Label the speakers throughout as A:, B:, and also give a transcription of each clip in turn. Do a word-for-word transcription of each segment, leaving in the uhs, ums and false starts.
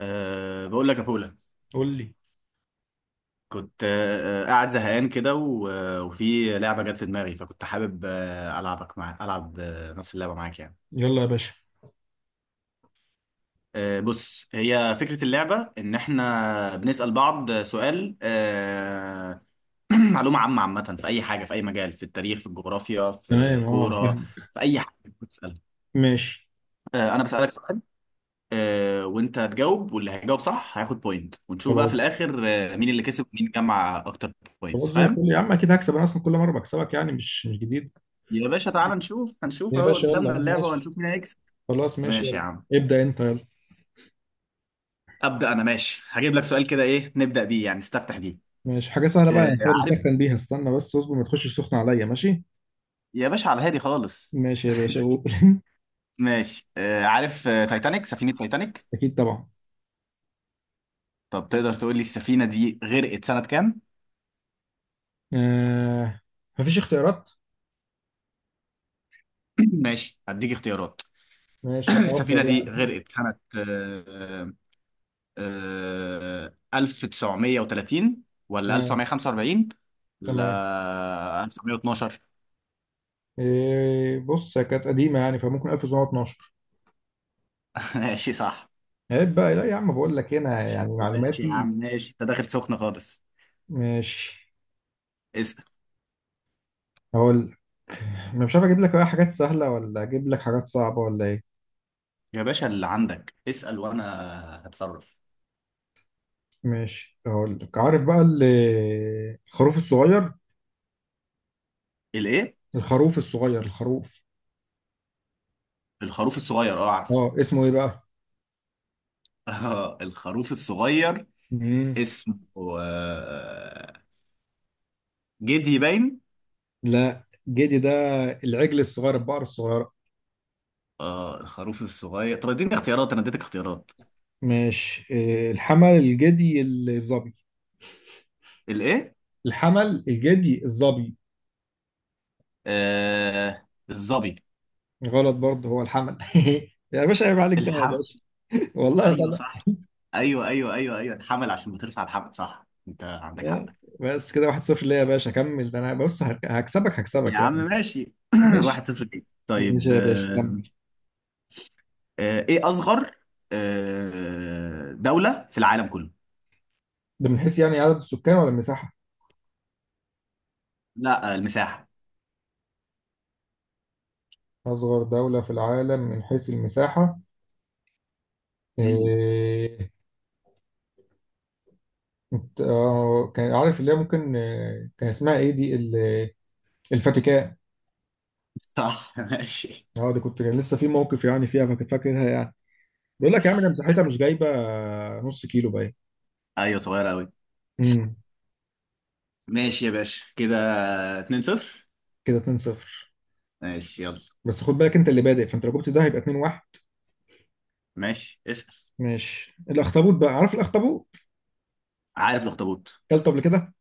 A: أه بقول لك يا بولا.
B: قول لي.
A: كنت أه آه، قاعد زهقان كده و- آه، وفي لعبة جت في دماغي، فكنت حابب أه ألعبك، مع ألعب أه نفس اللعبة معاك يعني.
B: يلا يا باشا.
A: أه بص، هي فكرة اللعبة إن إحنا بنسأل بعض سؤال أه معلومة عامة عامة في أي حاجة، في أي مجال، في التاريخ، في الجغرافيا، في
B: تمام، اه،
A: الكورة،
B: فاهم.
A: في أي حاجة بتسألها.
B: ماشي.
A: أه أنا بسألك سؤال أه وأنت تجاوب، واللي هيجاوب صح هياخد بوينت، ونشوف بقى في
B: خلاص.
A: الآخر أه مين اللي كسب ومين جمع أكتر بوينتس.
B: خلاص زي الفل
A: فاهم؟
B: يا عم، اكيد هكسب، انا اصلا كل مره بكسبك يعني، مش مش جديد.
A: يا باشا تعال نشوف، هنشوف
B: يا
A: اهو
B: باشا يلا
A: قدامنا اللعبة
B: ماشي.
A: وهنشوف مين هيكسب.
B: خلاص ماشي
A: ماشي
B: يلا.
A: يا عم.
B: ابدا انت يلا.
A: أبدأ أنا، ماشي، هجيب لك سؤال كده. إيه نبدأ بيه يعني، نستفتح بيه؟
B: ماشي، حاجه سهله بقى
A: آه
B: يعني، حاجه
A: عارف،
B: بنسخن بيها، استنى بس اصبر، ما تخشش سخن عليا، ماشي.
A: يا باشا على هادي خالص.
B: ماشي يا باشا قول.
A: ماشي. آه عارف، آه تايتانيك، سفينة تايتانيك.
B: اكيد طبعا.
A: طب تقدر تقول لي السفينة دي غرقت سنة كام؟
B: آه. مفيش اختيارات؟
A: ماشي هديك اختيارات.
B: ماشي يبقى
A: السفينة
B: افضل
A: دي
B: يعني.
A: غرقت سنة آه آه ألف وتسعمية وتلاتين ولا
B: تمام.
A: ألف وتسعمية وخمسة وأربعين؟
B: تمام،
A: لا، ألف وتسعمية واتناشر.
B: إيه، بص هي كانت قديمه يعني، فممكن ألف وتسعمية واتناشر.
A: ماشي، صح.
B: عيب بقى، لا يا عم، بقول لك هنا يعني
A: ماشي يا عم،
B: معلوماتي.
A: ماشي، انت داخل سخنة خالص.
B: ماشي
A: اسأل.
B: هقول. انا مش عارف اجيب لك بقى حاجات سهله ولا اجيب لك حاجات صعبه ولا ايه.
A: يا باشا اللي عندك اسأل، وانا هتصرف.
B: ماشي هقول لك. عارف بقى ال- الخروف الصغير.
A: الايه؟
B: الخروف الصغير الخروف.
A: الخروف الصغير، اه عارفه.
B: اه، اسمه ايه بقى؟
A: اه الخروف الصغير
B: مم.
A: اسمه آه، جدي باين.
B: لا جدي ده، العجل الصغير، البقر الصغيره.
A: اه الخروف الصغير، طب اديني اختيارات، انا اديتك اختيارات.
B: ماشي، إيه، الحمل، الجدي، الظبي.
A: الايه؟
B: الحمل، الجدي، الظبي.
A: آه، الظبي.
B: غلط برضه، هو الحمل. يا باشا، عيب عليك بقى يا
A: الحمل؟
B: باشا. والله
A: ايوه
B: غلط.
A: صح. ايوه ايوه ايوه ايوه الحمل، عشان بترفع الحمل. صح، انت عندك حق.
B: يا- بس كده واحد صفر ليا يا باشا، كمل، ده انا بص هك- هكسبك، هكسبك
A: يا عم
B: يعني.
A: ماشي.
B: ماشي.
A: واحد صفر ليك.
B: ماشي
A: طيب،
B: يا باشا كمل.
A: آه، آه، ايه اصغر آه، دولة في العالم كله؟
B: ده من حيث يعني عدد السكان ولا المساحة؟
A: لا، آه، المساحة.
B: أصغر دولة في العالم من حيث المساحة،
A: مم.
B: إيه... إنت- آه، كان عارف، اللي هي ممكن آه، كان اسمها إيه دي ال- الفاتيكان.
A: صح. ماشي.
B: أه دي كنت، كان لسه في موقف يعني فيها، فاكر- فاكرها يعني. بيقول لك يا عم ده مساحتها مش جايبة آه، نص كيلو باين.
A: ايوه صغيرة قوي.
B: امم،
A: ماشي يا باشا. كده اتنين صفر.
B: كده اتنين صفر.
A: ماشي يلا.
B: بس خد بالك، أنت اللي بادئ، فأنت لو جبت ده هيبقى اتنين واحد.
A: ماشي، اسأل.
B: ماشي، الأخطبوط بقى، عارف الأخطبوط؟
A: عارف الاخطبوط.
B: كلته قبل كده؟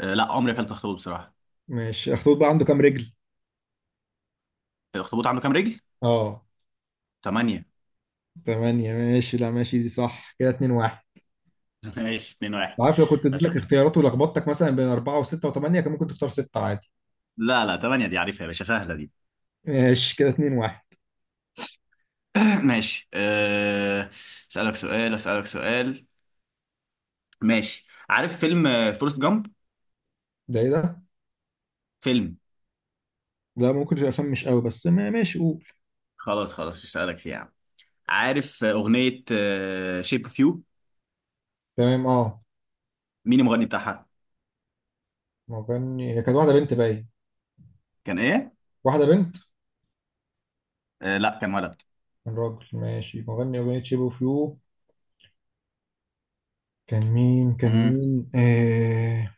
A: آه، لا عمري اكلت اخطبوط بصراحة.
B: ماشي، الأخطبوط بقى عنده كام رجل؟
A: الاخطبوط عنده كام رجل؟
B: أه.
A: تمانية.
B: تمانية، ماشي، لا ماشي، دي صح، كده اتنين واحد.
A: ماشي، اتنين واحد.
B: عارف لو كنت اديت لك اختيارات، ولخبطتك مثلا بين أربعة وستة وثمانية، كان ممكن تختار ستة عادي.
A: لا لا تمانية دي عارفها يا باشا، سهلة دي.
B: ماشي، كده اتنين واحد.
A: ماشي، آه، اسألك سؤال اسألك سؤال ماشي، عارف فيلم آه، فورست جامب؟
B: ده ايه ده؟
A: فيلم.
B: لا ممكن يبقى فاهم مش قوي، بس ما ماشي قول.
A: خلاص خلاص مش هسألك فيه يا عم. عارف آه، أغنية شيب اوف يو؟
B: تمام، اه.
A: مين المغني بتاعها؟
B: مغني؟ هي كانت واحدة بنت باين.
A: كان إيه؟
B: واحدة بنت.
A: آه لا، كان ولد.
B: كان راجل، ماشي، مغني أغنية شيب اوف يو، كان مين، كان
A: امم
B: مين آه...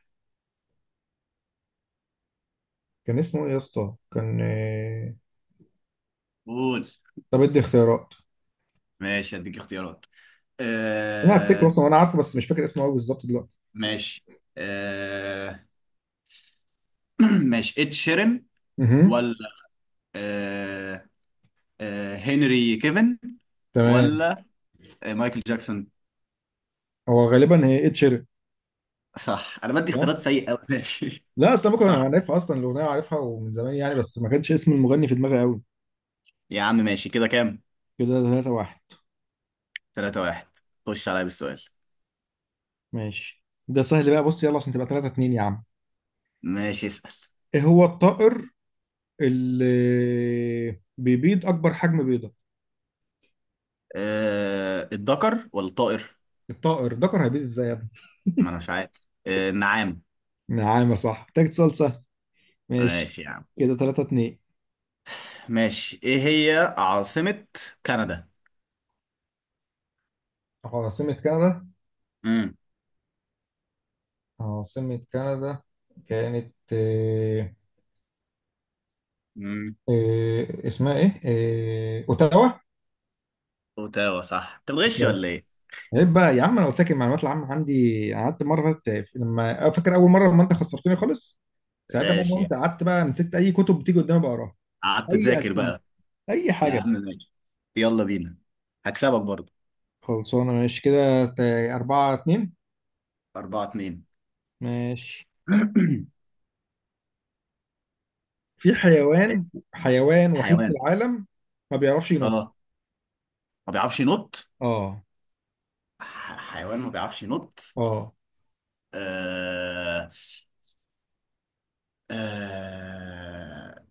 B: كان اسمه ايه يا اسطى؟ كان آه...
A: قول.
B: طب ادي اختيارات.
A: ماشي هديك اختيارات.
B: انا هفتكر
A: آه.
B: اصلا وانا عارفه، بس مش فاكر اسمه قوي بالظبط دلوقتي.
A: ماشي. آه ماشي، إد شيرين،
B: اها.
A: ولا آه آه هنري كيفن،
B: تمام.
A: ولا آه مايكل جاكسون؟
B: هو غالبا هي اتشيرت،
A: صح. أنا بدي
B: صح؟
A: اختيارات سيئة أوي ماشي،
B: لا اصل ممكن
A: صح.
B: انا عارفها اصلا، الاغنيه عارفها ومن زمان يعني، بس ما كانش اسم المغني في دماغي قوي.
A: يا عم ماشي، كده كام؟
B: كده تلاتة واحد.
A: تلاتة واحد. خش عليا بالسؤال.
B: ماشي، ده سهل بقى، بص يلا عشان تبقى تلاتة اتنين يا عم.
A: ماشي، اسأل.
B: ايه هو الطائر اللي بيبيض اكبر حجم بيضه؟
A: آه الدكر ولا الطائر؟
B: الطائر ذكر هيبيض ازاي يا ابني؟
A: ما انا مش عارف. آه، النعام.
B: نعم، صح، محتاج سؤال سهل. ماشي،
A: ماشي يا عم.
B: كده تلاتة اتنين.
A: ماشي، ايه هي عاصمة كندا؟
B: عاصمة كندا.
A: امم
B: عاصمة كندا كانت آه،
A: امم
B: آه، اسمها ايه، آه، اوتاوا.
A: اوتاوا. صح. انت بتغش ولا ايه؟
B: عيب بقى يا عم، انا قلت لك المعلومات العامه عندي، قعدت مره فاتت لما، فاكر اول مره لما انت خسرتني خالص، ساعتها بقى
A: ماشي يا
B: انت
A: عم.
B: قعدت بقى مسكت اي كتب بتيجي قدامي بقراها،
A: قعدت
B: اي
A: تذاكر
B: اسئله،
A: بقى.
B: اي
A: يا
B: حاجه بقى.
A: عم ماشي. يلا بينا، هكسبك برضه.
B: خلصانه ماشي كده ت- أربعة اتنين.
A: أربعة اتنين.
B: ماشي. في حيوان، حيوان وحيد في
A: حيوان،
B: العالم ما بيعرفش ينط.
A: اه، ما بيعرفش ينط.
B: اه.
A: ح- حيوان ما بيعرفش ينط.
B: اه.
A: آه... آه...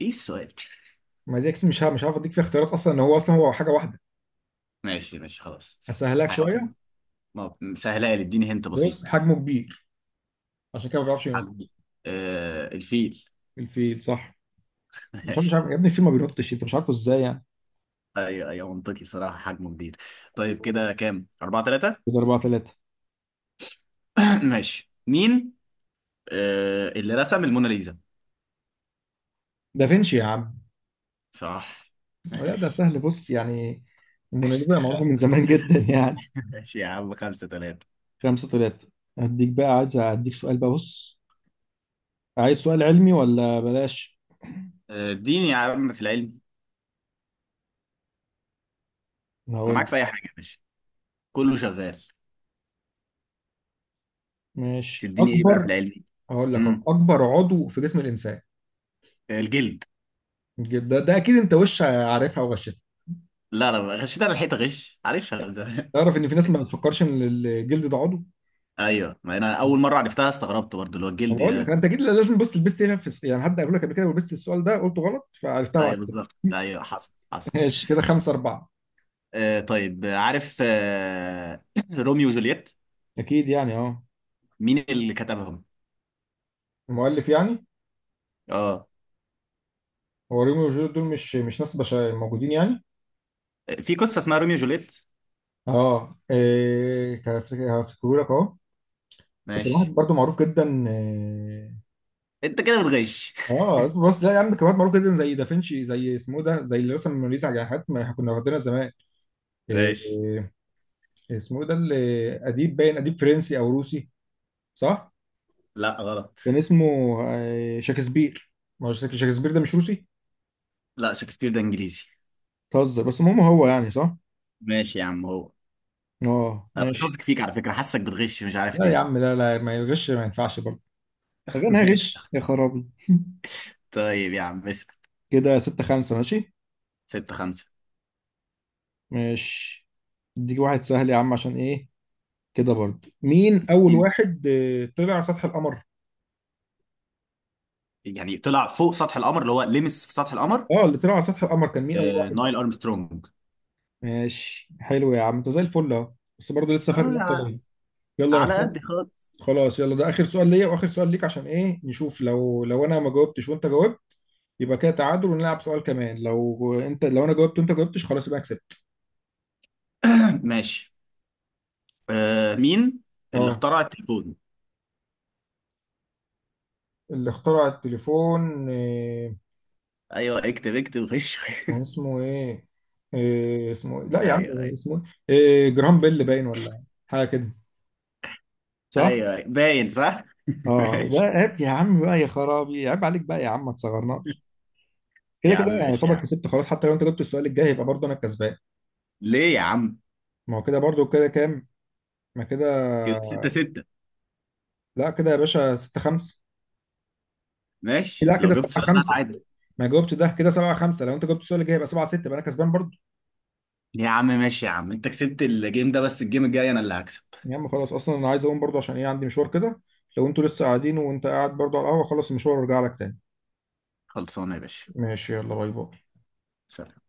A: ايه السؤال؟
B: ما دي أكيد مش ه- مش عارف اديك فيها اختيارات، اصلا ان هو اصلا هو حاجه واحده.
A: ماشي ماشي خلاص.
B: اسهلك شويه.
A: حيوان. ما سهلة لي، اديني هنت
B: بص،
A: بسيط.
B: حجمه كبير، عشان كده ما بيعرفش ينط.
A: حجمه. آه، الفيل.
B: الفيل، صح. مش عارف، مش
A: ماشي.
B: عارف يا ابني الفيل ما بينطش، انت مش عارفه ازاي يعني.
A: ايوه ايوه منطقي بصراحة، حجمه كبير. طيب كده كام؟ أربعة تلاتة؟
B: كده أربعة تلاتة.
A: ماشي، مين آه اللي رسم الموناليزا؟
B: دافنشي يا عم.
A: صح.
B: لا ده
A: ماشي،
B: سهل بص يعني، الموناليزا معروفة من
A: خمسة.
B: زمان جدا يعني.
A: ماشي يا عم، خمسة تلاتة.
B: خمسة تلاتة. هديك بقى، عايز هديك سؤال بقى، بص، عايز سؤال علمي ولا بلاش؟
A: آه، اديني يا عم في العلم. أنا
B: هقول لك.
A: معاك في أي حاجة يا باشا، كله شغال.
B: ماشي،
A: تديني إيه بقى في
B: اكبر.
A: العلم؟
B: هقول لك أهو.
A: امم
B: اكبر عضو في جسم الانسان.
A: الجلد.
B: ده ده اكيد انت وش عارفها وغشتها.
A: لا لا غشيت أنا الحيطة، غش، عارفها من زمان.
B: تعرف ان في ناس ما بتفكرش ان الجلد ده عضو.
A: أيوه، ما أنا أول مرة عرفتها استغربت برضه اللي هو
B: طب
A: الجلد.
B: اقول لك انت اكيد لازم بص لبست ايه في الس- يعني حد قال لك قبل كده ولبست السؤال ده قلته غلط فعرفتها بعد
A: ايوه
B: كده.
A: بالظبط، ايوه حصل حصل.
B: ماشي، كده خمسة أربعة.
A: آه طيب، آه، عارف آه روميو وجولييت؟
B: اكيد يعني، اه.
A: مين اللي كتبهم؟
B: المؤلف يعني؟
A: اه،
B: هو روميو وجوليت دول مش مش ناس بشر موجودين يعني.
A: في قصه اسمها روميو وجولييت.
B: اه، إيه، هفتكره لك اهو. ده كان واحد
A: ماشي.
B: برضه معروف جدا، إيه،
A: انت كده بتغش
B: اه اصبر بس، لا يا عم كان واحد معروف جدا زي دافنشي، زي اسمه ده، زي اللي رسم الموناليزا، على حاجات ما احنا كنا واخدينها زمان. إيه،
A: ماشي.
B: إيه، اسمه ده اللي، اديب باين، اديب فرنسي او روسي، صح؟
A: لا، غلط.
B: كان اسمه آه، شكسبير. ما هو شك- شكسبير ده مش روسي؟
A: لا، شكسبير ده انجليزي.
B: بتهزر بس، المهم هو يعني، صح؟
A: ماشي يا عم، هو.
B: اه
A: أنا مش
B: ماشي.
A: واثق فيك على فكره، حاسك بتغش، مش عارف
B: لا يا عم،
A: ليه.
B: لا، لا، ما يغش ما ينفعش برضه. غنى
A: ماشي.
B: غش يا خرابي.
A: طيب يا عم اسال.
B: كده ستة خمسة، ماشي.
A: ستة خمسة.
B: ماشي، اديك واحد سهل يا عم، عشان ايه كده برضه، مين اول
A: مين؟
B: واحد آه، طلع على سطح القمر؟
A: يعني طلع فوق سطح القمر، اللي هو لمس في سطح القمر؟
B: اه اللي طلع على سطح القمر كان مين، اول
A: آه،
B: واحد.
A: نايل ارمسترونج.
B: ماشي، حلو يا عم، انت زي الفل اهو، بس برضه لسه فرق نقطة
A: آه،
B: ليا. يلا انا
A: على
B: كده
A: قد خالص.
B: خلاص، يلا ده اخر سؤال ليا واخر سؤال ليك، عشان ايه، نشوف لو، لو انا ما جاوبتش وانت جاوبت يبقى كده تعادل ونلعب سؤال كمان، لو انت، لو انا جاوبت وانت جاوبتش خلاص يبقى أنا كسبت.
A: ماشي، آه مين اللي
B: اه.
A: اخترع التليفون؟
B: اللي اخترع التليفون آه،
A: ايوه اكتب اكتب غش
B: كان اسمه ايه، إيه اسمه إيه؟ لا يا عم.
A: ايوه ايوه
B: اسمه، ايه، إيه، جرام بيل باين ولا حاجه كده. صح.
A: ايوه أيوة باين، صح.
B: اه ده
A: ماشي
B: عيب يا عم بقى، يا خرابي عيب عليك بقى يا عم، ما تصغرناش. كده
A: يا
B: كده
A: عم،
B: يعني
A: ماشي يا
B: يعتبر
A: عم.
B: كسبت خلاص، حتى لو انت جبت السؤال الجاي يبقى برضه انا الكسبان.
A: ليه يا عم؟
B: ما هو كده برضه، كده كام؟ ما كده،
A: كده ستة ستة.
B: لا كده يا باشا ستة خمسة.
A: ماشي،
B: لا
A: لو
B: كده
A: جبت
B: سبعة
A: سؤال بقى
B: خمسة،
A: عادي.
B: ما جاوبت ده، كده سبعة خمسة، لو انت جبت السؤال الجاي يبقى سبعة ستة، يبقى انا كسبان برضه.
A: يا عم ماشي يا عم، انت كسبت الجيم ده، بس الجيم الجاي انا اللي هكسب.
B: يا عم خلاص، اصلا انا عايز اقوم برضه، عشان ايه، عندي مشوار كده، لو انتوا لسه قاعدين، وانت قاعد برضه على القهوه، خلص المشوار وارجع لك تاني.
A: خلصانه يا باشا.
B: ماشي يلا، باي باي.
A: سلام.